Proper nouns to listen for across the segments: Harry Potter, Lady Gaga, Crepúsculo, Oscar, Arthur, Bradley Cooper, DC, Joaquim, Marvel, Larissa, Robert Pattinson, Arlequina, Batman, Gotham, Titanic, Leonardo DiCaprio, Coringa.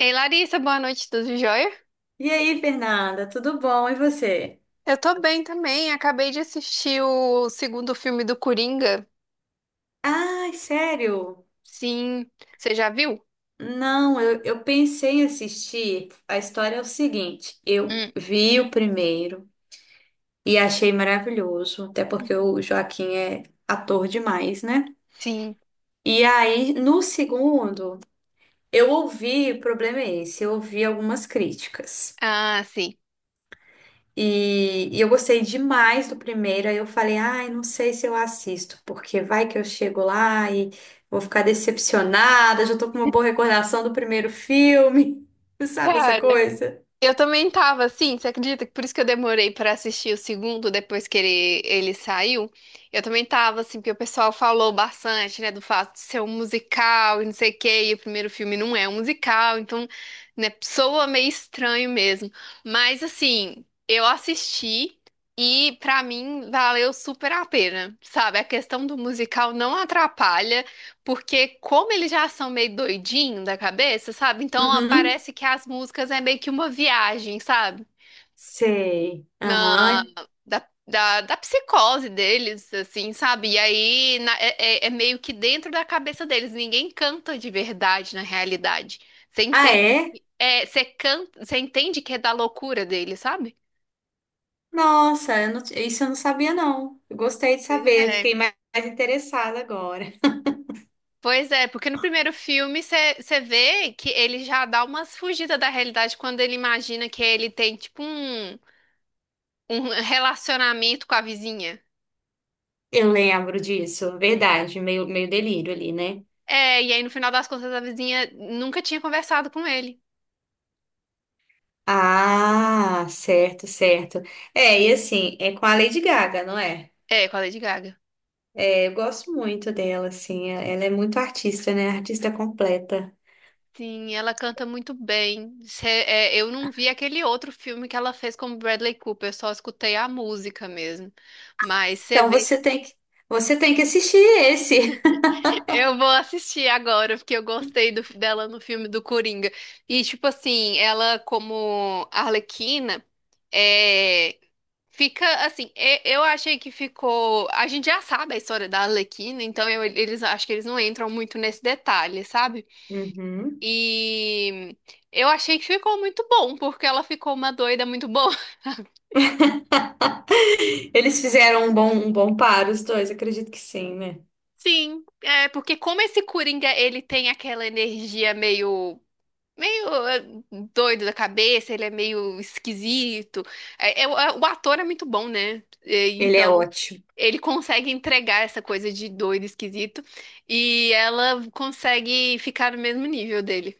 Ei, Larissa, boa noite, tudo jóia? E aí, Fernanda, tudo bom? E você? Eu tô bem também, acabei de assistir o segundo filme do Coringa. Ai, sério? Sim, você já viu? Não, eu pensei em assistir. A história é o seguinte: eu Hum. vi o primeiro e achei maravilhoso, até porque Uhum. o Joaquim é ator demais, né? Sim. E aí, no segundo, eu ouvi, o problema é esse, eu ouvi algumas críticas. Ah, sim. E eu gostei demais do primeiro, aí eu falei, ai, não sei se eu assisto, porque vai que eu chego lá e vou ficar decepcionada, já tô com uma boa recordação do primeiro filme, sabe essa Cara, coisa? eu também tava assim, você acredita que por isso que eu demorei pra assistir o segundo, depois que ele saiu? Eu também tava assim, porque o pessoal falou bastante, né, do fato de ser um musical e não sei o quê, e o primeiro filme não é um musical, então, né, soa meio estranho mesmo. Mas assim, eu assisti e pra mim valeu super a pena, sabe? A questão do musical não atrapalha, porque como eles já são meio doidinho da cabeça, sabe? Então Uhum, parece que as músicas é meio que uma viagem, sabe? sei, Na- aham. da psicose deles, assim, sabe? E aí é meio que dentro da cabeça deles. Ninguém canta de verdade na realidade. Você Ah, entende é? que é, você canta, você entende que é da loucura deles, sabe? Nossa, eu não- isso eu não sabia não, eu gostei de Pois saber, eu é. fiquei mais interessada agora. Pois é, porque no primeiro filme você vê que ele já dá umas fugidas da realidade quando ele imagina que ele tem, tipo, um relacionamento com a vizinha. Eu lembro disso, verdade, meio delírio ali, né? É, e aí no final das contas a vizinha nunca tinha conversado com ele. Ah, certo, certo. É, e assim, é com a Lady Gaga, não é? É, com a Lady Gaga. É, eu gosto muito dela, assim, é- ela é muito artista, né? Artista completa. Sim, ela canta muito bem. Eu não vi aquele outro filme que ela fez com o Bradley Cooper, só escutei a música mesmo. Mas você Então vê que você tem que, Você tem que assistir esse. eu vou assistir agora, porque eu gostei dela no filme do Coringa. E, tipo assim, ela como Arlequina. é, Fica assim, eu achei que ficou. A gente já sabe a história da Arlequina, então eles acho que eles não entram muito nesse detalhe, sabe? Uhum. E eu achei que ficou muito bom, porque ela ficou uma doida muito boa. Eles fizeram um bom par, os dois, acredito que sim, né? Sim, é porque como esse Coringa, ele tem aquela energia meio doido da cabeça, ele é meio esquisito. O ator é muito bom, né? É. Ele é Então ótimo. ele consegue entregar essa coisa de doido, esquisito, e ela consegue ficar no mesmo nível dele.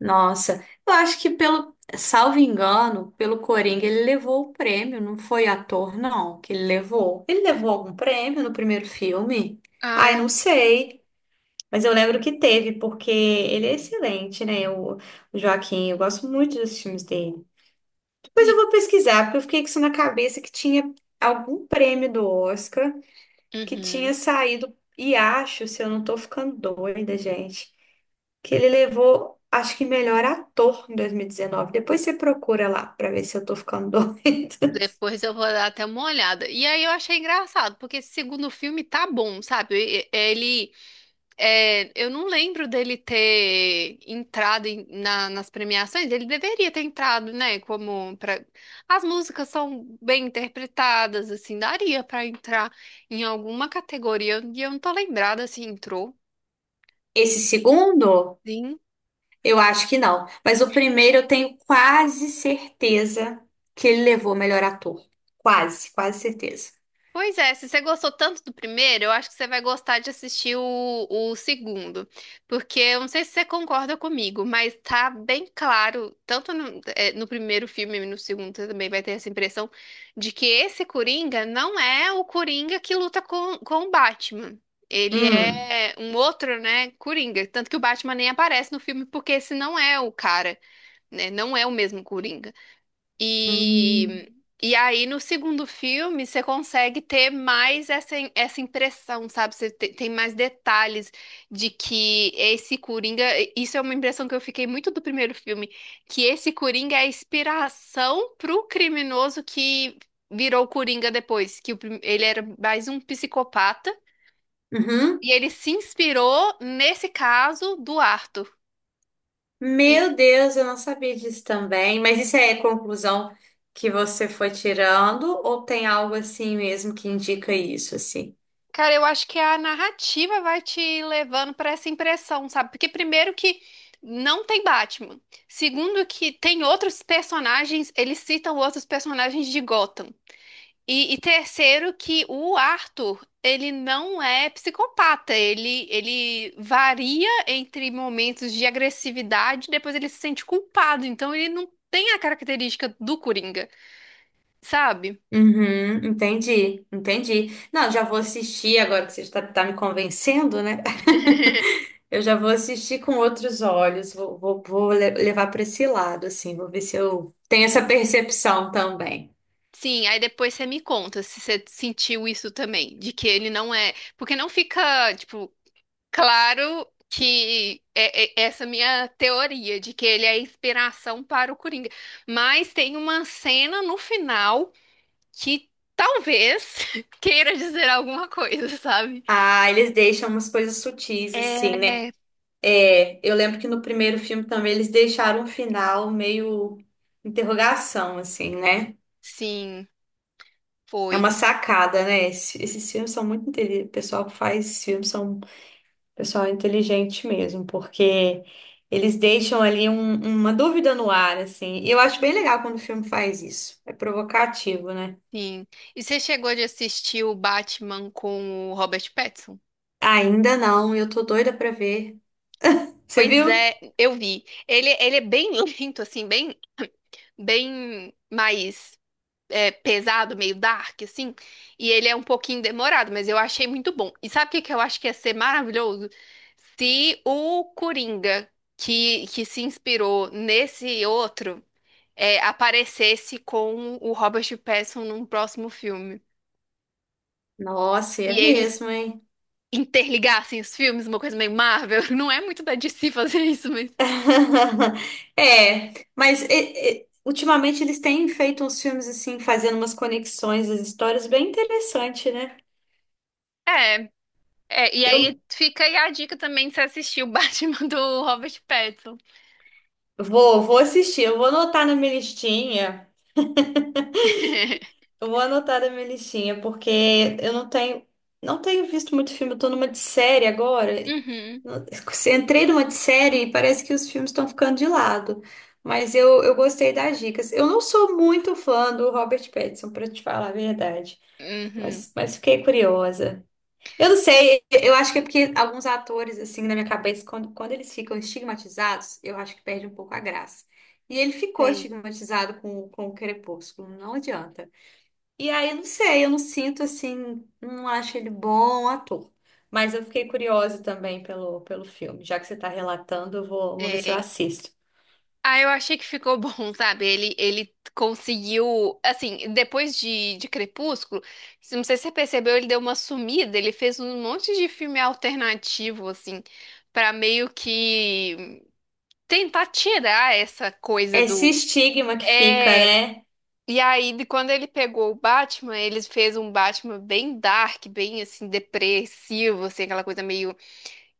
Nossa, eu acho que pelo, salvo engano, pelo Coringa ele levou o prêmio, não foi ator, não, que ele levou. Ele levou algum prêmio no primeiro filme? Ah, Ai, eu não sei, mas eu lembro que teve, porque ele é excelente, né? O Joaquim, eu gosto muito dos filmes dele. Depois eu sim. vou pesquisar, porque eu fiquei com isso na cabeça que tinha algum prêmio do Oscar que tinha Uhum. saído, e acho, se eu não tô ficando doida, gente, que ele levou, acho que melhor ator em 2019. Depois você procura lá pra ver se eu tô ficando doida. Depois eu vou dar até uma olhada. E aí eu achei engraçado, porque esse segundo filme tá bom, sabe? Ele, é, eu não lembro dele ter entrado nas premiações. Ele deveria ter entrado, né? Como pra... As músicas são bem interpretadas, assim, daria pra entrar em alguma categoria. E eu não tô lembrada se entrou. Esse segundo, Sim. eu acho que não. Mas o primeiro eu tenho quase certeza que ele levou o melhor ator. Quase, quase certeza. Pois é, se você gostou tanto do primeiro, eu acho que você vai gostar de assistir o segundo. Porque eu não sei se você concorda comigo, mas tá bem claro, tanto no primeiro filme e no segundo, você também vai ter essa impressão de que esse Coringa não é o Coringa que luta com o Batman. Ele Hum. é um outro, né, Coringa. Tanto que o Batman nem aparece no filme, porque esse não é o cara, né? Não é o mesmo Coringa. Hum. E, e aí, no segundo filme, você consegue ter mais essa impressão, sabe? Você tem mais detalhes de que esse Coringa. Isso é uma impressão que eu fiquei muito do primeiro filme, que esse Coringa é a inspiração pro criminoso que virou o Coringa depois, que o ele era mais um psicopata. Uhum. E ele se inspirou nesse caso do Arthur. Meu Deus, eu não sabia disso também. Mas isso é conclusão que você foi tirando ou tem algo assim mesmo que indica isso, assim? Cara, eu acho que a narrativa vai te levando para essa impressão, sabe? Porque primeiro que não tem Batman. Segundo que tem outros personagens, eles citam outros personagens de Gotham. E terceiro que o Arthur, ele não é psicopata, ele varia entre momentos de agressividade, depois ele se sente culpado, então ele não tem a característica do Coringa, sabe? Uhum, entendi, entendi. Não, já vou assistir agora que você está tá me convencendo, né? Eu já vou assistir com outros olhos, vou, vou, vou le- levar para esse lado, assim, vou ver se eu tenho essa percepção também. Sim, aí depois você me conta se você sentiu isso também, de que ele não é. Porque não fica, tipo, claro que é essa minha teoria de que ele é a inspiração para o Coringa. Mas tem uma cena no final que talvez queira dizer alguma coisa, sabe? Ah, eles deixam umas coisas sutis, assim, É, né? É, eu lembro que no primeiro filme também eles deixaram um final meio interrogação, assim, né? sim, É foi, uma sacada, né? Esse- Esses, filmes são muito inteligentes. O pessoal que faz filmes são pessoal inteligente mesmo, porque eles deixam ali um- uma dúvida no ar, assim. E eu acho bem legal quando o filme faz isso. É provocativo, né? sim. E você chegou de assistir o Batman com o Robert Pattinson? Ainda não, eu tô doida pra ver. Você Pois viu? é, eu vi. Ele é bem lento, assim, bem mais é, pesado, meio dark, assim. E ele é um pouquinho demorado, mas eu achei muito bom. E sabe o que que eu acho que ia ser maravilhoso? Se o Coringa, que se inspirou nesse outro, é, aparecesse com o Robert Pattinson num próximo filme. Nossa, é E eles mesmo, hein? interligassem os filmes, uma coisa meio Marvel. Não é muito da DC fazer isso, mas. É, mas ultimamente eles têm feito uns filmes assim, fazendo umas conexões das histórias bem interessante, né? É, e aí Eu fica aí a dica também de você assistir o Batman do Robert Pattinson. vou, vou assistir, eu vou anotar na minha listinha. Eu vou anotar da minha listinha, porque eu não tenho, não tenho visto muito filme, eu tô numa de série agora. Uhum, Não- Entrei numa de série e parece que os filmes estão ficando de lado. Mas eu gostei das dicas. Eu não sou muito fã do Robert Pattinson, pra te falar a verdade. uhum, Mas fiquei curiosa. Eu não sei, eu acho que é porque alguns atores, assim, na minha cabeça, quando eles ficam estigmatizados, eu acho que perde um pouco a graça. E ele ficou sei. estigmatizado com o Crepúsculo, não adianta. E aí, não sei, eu não sinto assim, não acho ele bom ator. Mas eu fiquei curiosa também pelo filme. Já que você está relatando, eu vou, vou ver se eu É. assisto. Ah, eu achei que ficou bom, sabe? Ele conseguiu, assim, depois de Crepúsculo, não sei se você percebeu, ele deu uma sumida, ele fez um monte de filme alternativo, assim, pra meio que tentar tirar essa coisa Esse do... estigma que fica, É, né? e aí, de quando ele pegou o Batman, ele fez um Batman bem dark, bem, assim, depressivo, assim, aquela coisa meio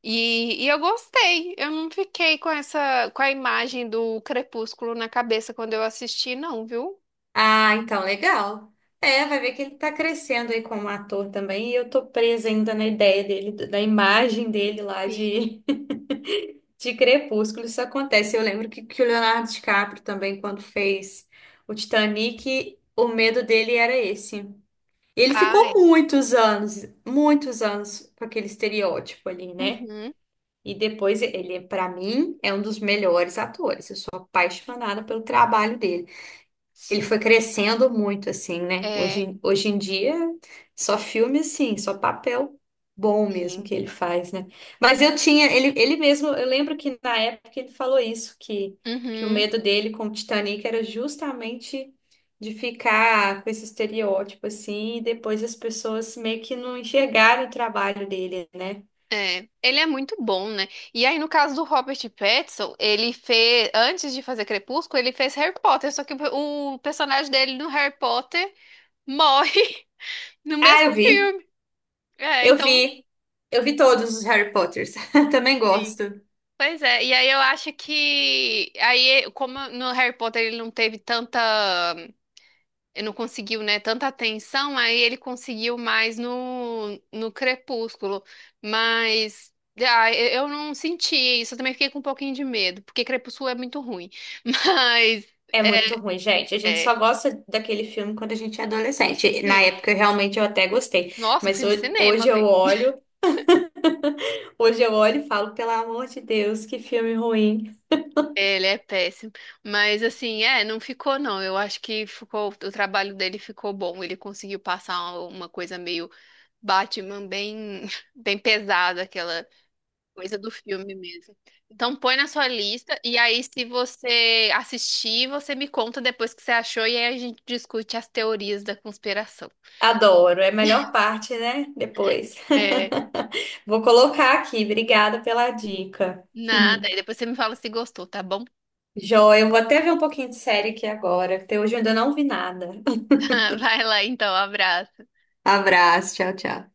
E eu gostei. Eu não fiquei com essa, com a imagem do crepúsculo na cabeça quando eu assisti, não, viu? Ah, então, legal. É, vai ver que ele tá crescendo aí como ator também. E eu tô presa ainda na ideia dele, da imagem dele lá Sim. de, de Crepúsculo. Isso acontece. Eu lembro que o Leonardo DiCaprio também, quando fez o Titanic, o medo dele era esse. Ele Ah, é. ficou muitos anos com aquele estereótipo ali, né? Uhum. E depois ele, pra mim, é um dos melhores atores. Eu sou apaixonada pelo trabalho dele. Ele foi Sim. crescendo muito, assim, né? É, Hoje, hoje em dia, só filme, assim, só papel bom mesmo sim. que ele faz, né? Mas eu tinha, ele mesmo, eu lembro que na época ele falou isso, que o Uhum. medo dele com o Titanic era justamente de ficar com esse estereótipo, assim, e depois as pessoas meio que não enxergaram o trabalho dele, né? É. Ele é muito bom, né? E aí, no caso do Robert Pattinson, ele fez, antes de fazer Crepúsculo, ele fez Harry Potter, só que o personagem dele no Harry Potter morre no Ah, mesmo filme. É, eu então. vi, eu vi todos os Harry Potters, também Sim. gosto. Pois é, e aí eu acho que aí como no Harry Potter ele não teve tanta, ele não conseguiu, né, tanta atenção, aí ele conseguiu mais no Crepúsculo, mas ah, eu não senti isso, eu também fiquei com um pouquinho de medo, porque Crepúsculo é muito ruim. Mas É muito ruim, gente. A gente é, só gosta daquele filme quando a gente é adolescente. Na sim, época, eu realmente, eu até gostei. nossa, Mas fui no ho- cinema hoje eu ver. olho, hoje eu olho e falo, pelo amor de Deus, que filme ruim. Ele é péssimo, mas assim, é, não ficou não. Eu acho que ficou, o trabalho dele ficou bom. Ele conseguiu passar uma coisa meio Batman bem, bem pesado, aquela coisa do filme mesmo. Então põe na sua lista e aí se você assistir, você me conta depois o que você achou e aí a gente discute as teorias da conspiração. Adoro. É a melhor parte, né? Depois. É, Vou colocar aqui. Obrigada pela dica. nada, e depois você me fala se gostou, tá bom? Joia, eu vou até ver um pouquinho de série aqui agora. Até hoje eu ainda não vi nada. Vai lá então, abraço. Abraço, tchau, tchau.